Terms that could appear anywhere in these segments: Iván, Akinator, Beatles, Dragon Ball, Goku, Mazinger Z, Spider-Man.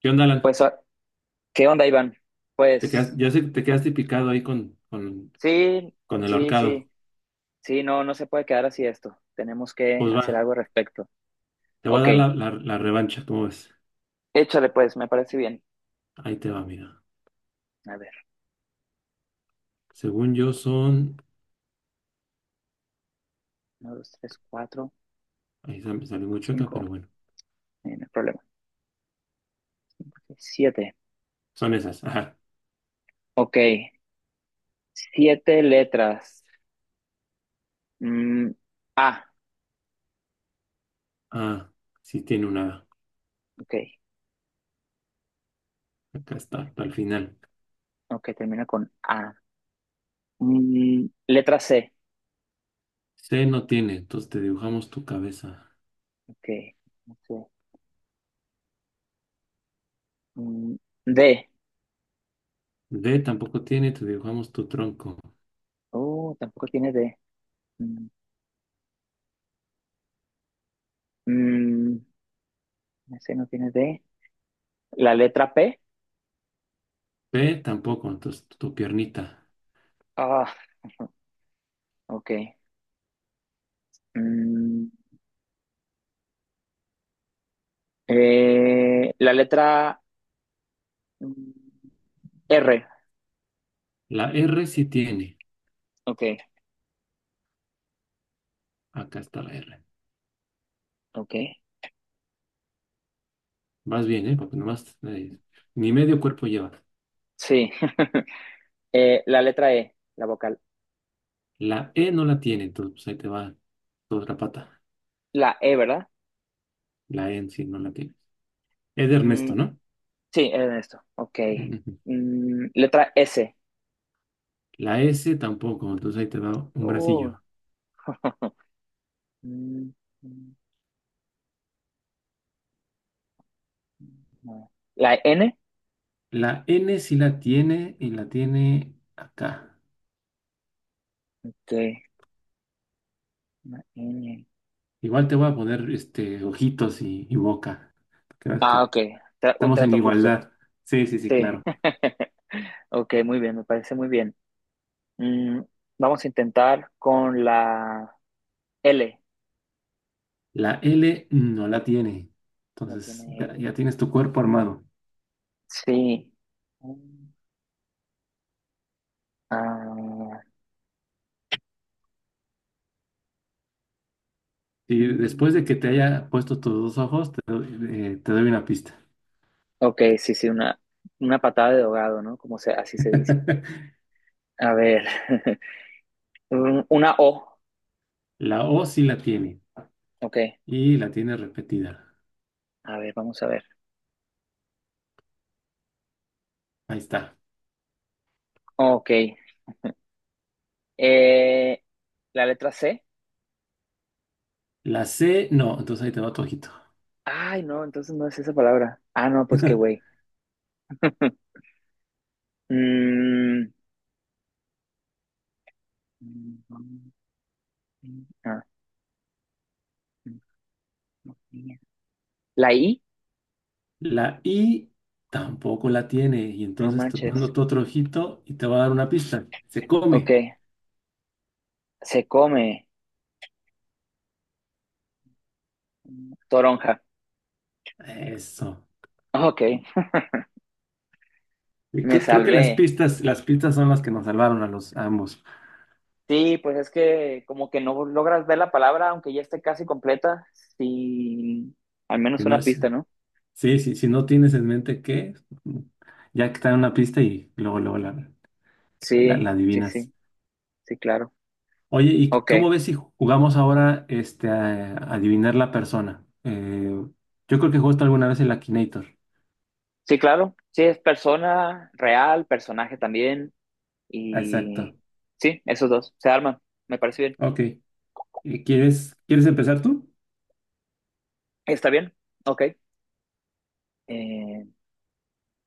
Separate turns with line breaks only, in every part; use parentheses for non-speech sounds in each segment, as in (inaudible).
¿Qué onda, Alan?
Pues, ¿qué onda, Iván?
Te quedas,
Pues,
ya sé que te quedaste picado ahí
sí,
con el
sí,
ahorcado.
sí, sí, no, no se puede quedar así esto. Tenemos que
Pues
hacer
va,
algo al respecto.
te voy a
Ok,
dar la revancha, ¿cómo ves?
échale pues, me parece bien.
Ahí te va, mira.
A ver,
Según yo son...
uno, dos, tres, cuatro,
Me salió muy chueca,
cinco,
pero bueno.
no hay problema. Siete,
Son esas, ajá.
ok, siete letras. Mm, A,
Ah, sí tiene una...
ok,
Acá está, hasta el final.
ok, termina con A. Mm, letra C,
C no tiene, entonces te dibujamos tu cabeza.
ok, no sé. Mm, D,
D tampoco tiene, te dibujamos tu tronco.
oh, tampoco tiene D. Mm, mm, ese no tiene D. La letra P.
P tampoco, entonces tu piernita.
Ah, (laughs) ok. Mm, la letra mm, R.
La R sí tiene.
Ok,
Acá está la R.
ok.
Vas bien, ¿eh? Porque nomás... ni medio cuerpo lleva.
Sí. (laughs) La letra E, la vocal.
La E no la tiene, entonces pues ahí te va toda la pata.
La E, ¿verdad?
La E en sí no la tiene. Es de Ernesto,
Mm,
¿no?
sí, era esto. Ok.
Ujú.
Mm, letra S.
La S tampoco, entonces ahí te va un
Uh,
bracillo.
(laughs) mm, mm, no. La N.
La N sí la tiene y la tiene acá.
Ok. La N.
Igual te voy a poner este, ojitos y boca. Porque ves
Ah,
que
ok. Un
estamos en
trato justo.
igualdad. Sí, sí, sí,
Sí.
claro.
(laughs) Ok, muy bien, me parece muy bien. Mm, vamos a intentar con la L.
La L no la tiene.
No
Entonces
tiene
ya,
L.
ya tienes tu cuerpo armado.
Sí. Mm, ah,
Y después de
mm.
que te haya puesto tus dos ojos, te doy una pista.
Ok, sí, sí, una patada de ahogado, ¿no? Como se, así se dice.
(laughs)
A ver, (laughs) mm, una O.
La O sí la tiene
Ok,
y la tiene repetida.
a ver, vamos a ver.
Ahí está.
Ok, eh, la letra C.
La C no, entonces ahí te va tu ojito.
Ay, no, entonces no es esa palabra. Ah, no, pues qué güey. (laughs) Mm, ah, la I,
La I tampoco la tiene y
no
entonces te
manches.
mando tu otro ojito y te va a dar una pista. Se
Ok,
come.
se come toronja. (laughs)
Eso.
Ok,
Y
me
creo que
salvé.
las pistas son las que nos salvaron a los a ambos.
Sí, pues es que como que no logras ver la palabra, aunque ya esté casi completa, sin al
Si
menos una
no,
pista, ¿no?
sí, sí, si no tienes en mente qué, ya que está en una pista y luego la
Sí,
la
sí,
adivinas.
sí, sí, claro.
Oye, ¿y
Ok,
cómo ves si jugamos ahora este, a adivinar la persona? Yo creo que jugaste alguna vez el Akinator.
sí, claro. Sí, es persona real, personaje también. Y
Exacto.
sí, esos dos se arman. Me parece bien.
Ok. ¿Y quieres empezar tú?
¿Está bien? Ok. Eh,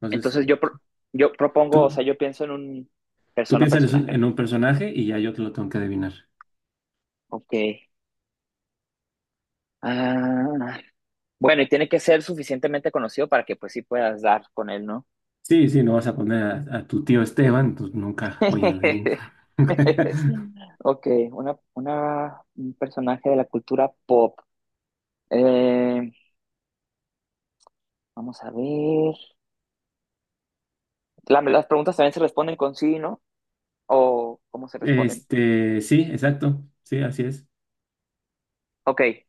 Entonces,
entonces yo propongo, o sea,
tú,
yo pienso en un
tú piensas
personaje. ¿No?
en un personaje y ya yo te lo tengo que adivinar.
Ok. Ah, bueno, y tiene que ser suficientemente conocido para que pues sí puedas dar con él, ¿no?
Sí, sí, no vas a poner a tu tío Esteban, pues nunca voy a
(laughs)
adivinar. (laughs)
Ok, un personaje de la cultura pop. Eh, vamos a ver. Las preguntas también se responden con sí, ¿no? ¿O cómo se responden?
Este, sí, exacto. Sí, así es.
Ok.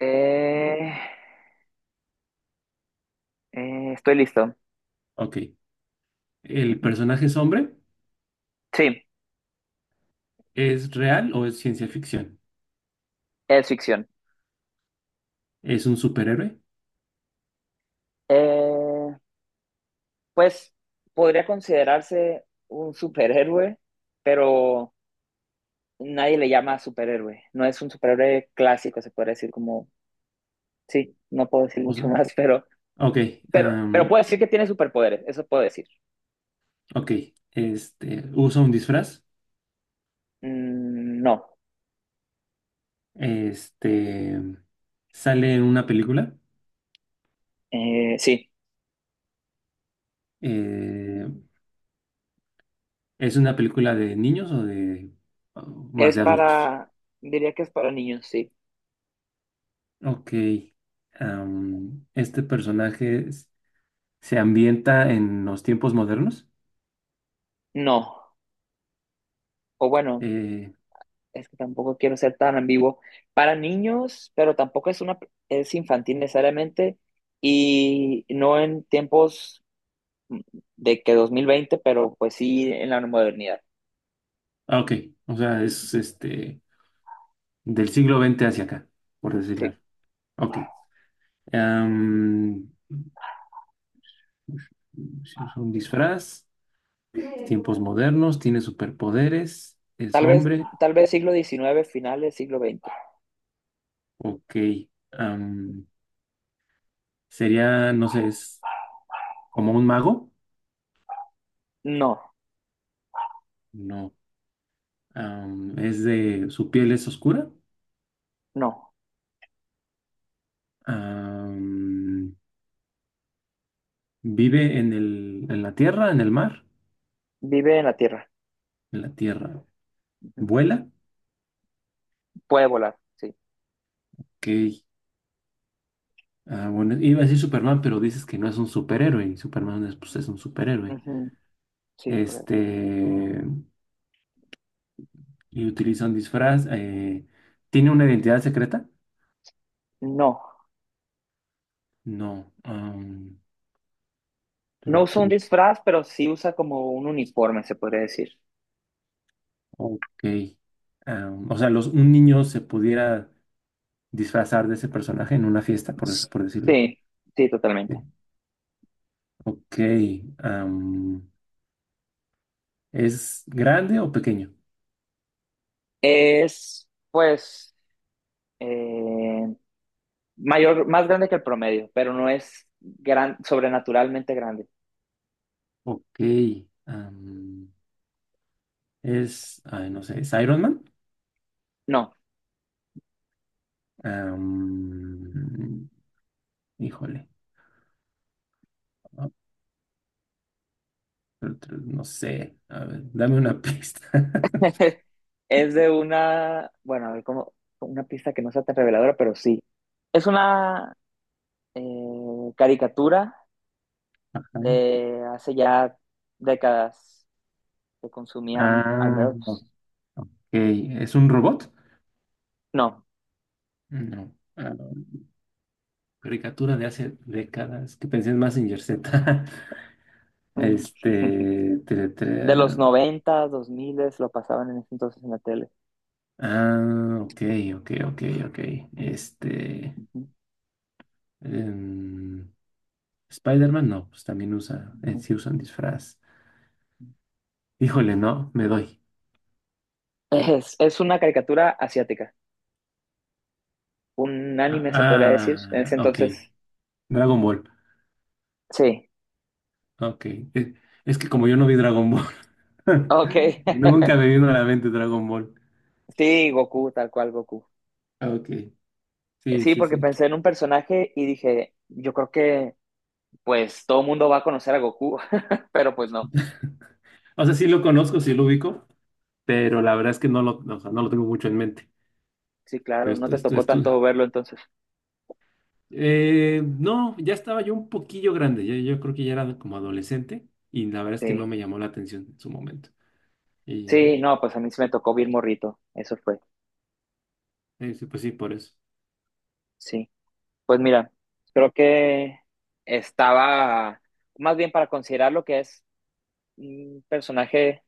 eh, Estoy listo.
Ok. ¿El
Ujú.
personaje es hombre?
Sí,
¿Es real o es ciencia ficción?
es ficción.
¿Es un superhéroe?
Eh, pues podría considerarse un superhéroe, pero nadie le llama superhéroe. No es un superhéroe clásico, se puede decir como, sí, no puedo decir
O
mucho
sea,
más, (laughs)
ok,
pero
am,
puedo decir que tiene superpoderes, eso puedo decir.
ok. Este, usa un disfraz.
Mm, no.
Este, sale en una película.
Sí,
eh, ¿Es una película de niños o de o más
es
de adultos?
para, diría que es para niños, sí.
Ok. am, este personaje es- se ambienta en los tiempos modernos.
No, o bueno,
Eh,
es que tampoco quiero ser tan ambiguo. Para niños, pero tampoco es una, es infantil necesariamente y no en tiempos mm, de que 2020, pero pues sí en la modernidad.
ah, ok, o sea, es
Ujú,
este del siglo XX hacia acá, por decirlo.
sí.
Ok. am, si usa un disfraz. Tiempos modernos, tiene superpoderes, es
Tal vez,
hombre,
tal vez siglo XIX finales siglo XX.
ok. am, sería, no sé, es como un mago,
No,
no. Es de, su piel es oscura,
no.
am, vive en en la tierra, en el mar,
Vive en la Tierra.
en la tierra,
Ujú.
vuela,
Puede volar, sí.
ok. Ah, bueno, iba a decir Superman, pero dices que no es un superhéroe, y Superman es, pues, es un superhéroe.
Ujú, sí, correcto.
Este, y utiliza un disfraz, tiene una identidad secreta.
No.
No.
No
Tru-
usa un
tru-
disfraz, pero sí usa como un uniforme, se podría decir.
ok. Am, o sea, los, un niño se pudiera disfrazar de ese personaje en una fiesta, por, por decirlo.
Sí, sí, totalmente.
Sí. Ok. am, ¿es grande o pequeño?
Es, pues, eh, mayor, más grande que el promedio, pero no es gran, sobrenaturalmente grande.
Ok. am, es, ay, no sé, ¿es Iron Man?
No.
Am, híjole. Ah, no sé. A ver, dame una pista. (laughs)
(laughs) Es de una, bueno, a ver, como una pista que no sea tan reveladora, pero sí. Es una caricatura
Ajá.
de hace ya décadas que consumían al
Ah, ok.
menos,
¿Es un robot?
no,
No. Caricatura de hace décadas, que pensé en Mazinger Z. (laughs)
mm, (laughs)
Este.
de los noventa dos 2000 lo pasaban en ese entonces en la tele.
Ah, ok, ok, ok, ok. Este.
Ujú,
em, Spider-Man, no, pues también usa. Eh,
ujú.
sí usan disfraz. Híjole, no, me doy.
Es una caricatura asiática, un anime se podría
Ah,
decir, en ese
ah, ok.
entonces,
Dragon Ball.
sí,
Ok. Eh, es que como yo no vi Dragon Ball, (laughs)
ok, (laughs)
nunca me vino a la mente Dragon Ball.
sí, Goku, tal cual Goku.
Ah, ok. Sí,
Sí,
sí,
porque
sí.
pensé en un personaje y dije, yo creo que pues todo el mundo va a conocer a Goku, (laughs) pero pues no.
O sea, sí lo conozco, sí lo ubico, pero la verdad es que no lo, o sea, no lo tengo mucho en mente.
Sí,
Pero
claro, no te tocó
esto.
tanto verlo entonces.
No, ya estaba yo un poquillo grande, yo creo que ya era como adolescente y la verdad es que no
Sí,
me llamó la atención en su momento. Y
sí, no, pues a mí sí me tocó bien morrito, eso fue,
sí, pues sí, por eso.
sí. Pues mira, creo que estaba, más bien para considerar lo que es un personaje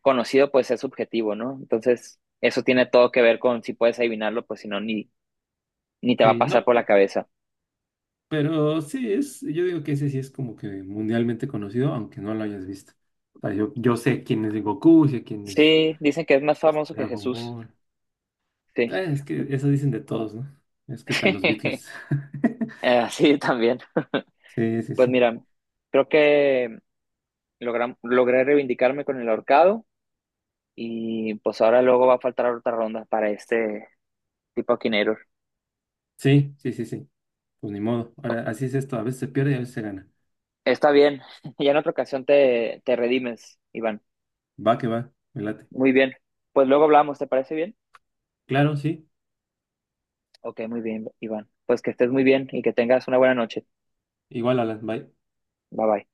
conocido, pues es subjetivo, ¿no? Entonces, eso tiene todo que ver con si puedes adivinarlo, pues si no, ni, ni te va a
Sí,
pasar
no,
por la cabeza.
pero sí es, yo digo que ese sí es como que mundialmente conocido, aunque no lo hayas visto. O sea, yo sé quién es Goku, sé quién
Sí, dicen que es más
es
famoso que
Dragon
Jesús,
Ball.
sí.
Es que eso dicen de todos, ¿no? Es que están los
(laughs)
Beatles. (laughs)
Sí, también.
Sí, sí,
Pues
sí.
mira, creo que logré reivindicarme con el ahorcado. Y pues ahora luego va a faltar otra ronda para este tipo quinero.
Sí, sí, sí, sí. Pues ni modo. Ahora, así es esto. A veces se pierde y a veces se gana.
Está bien, (laughs) ya en otra ocasión te, te redimes, Iván.
Va que va. Me late.
Muy bien. Pues luego hablamos, ¿te parece bien?
Claro, sí.
Ok, muy bien, Iván. Pues que estés muy bien y que tengas una buena noche.
Igual, Alan. Bye.
Bye bye.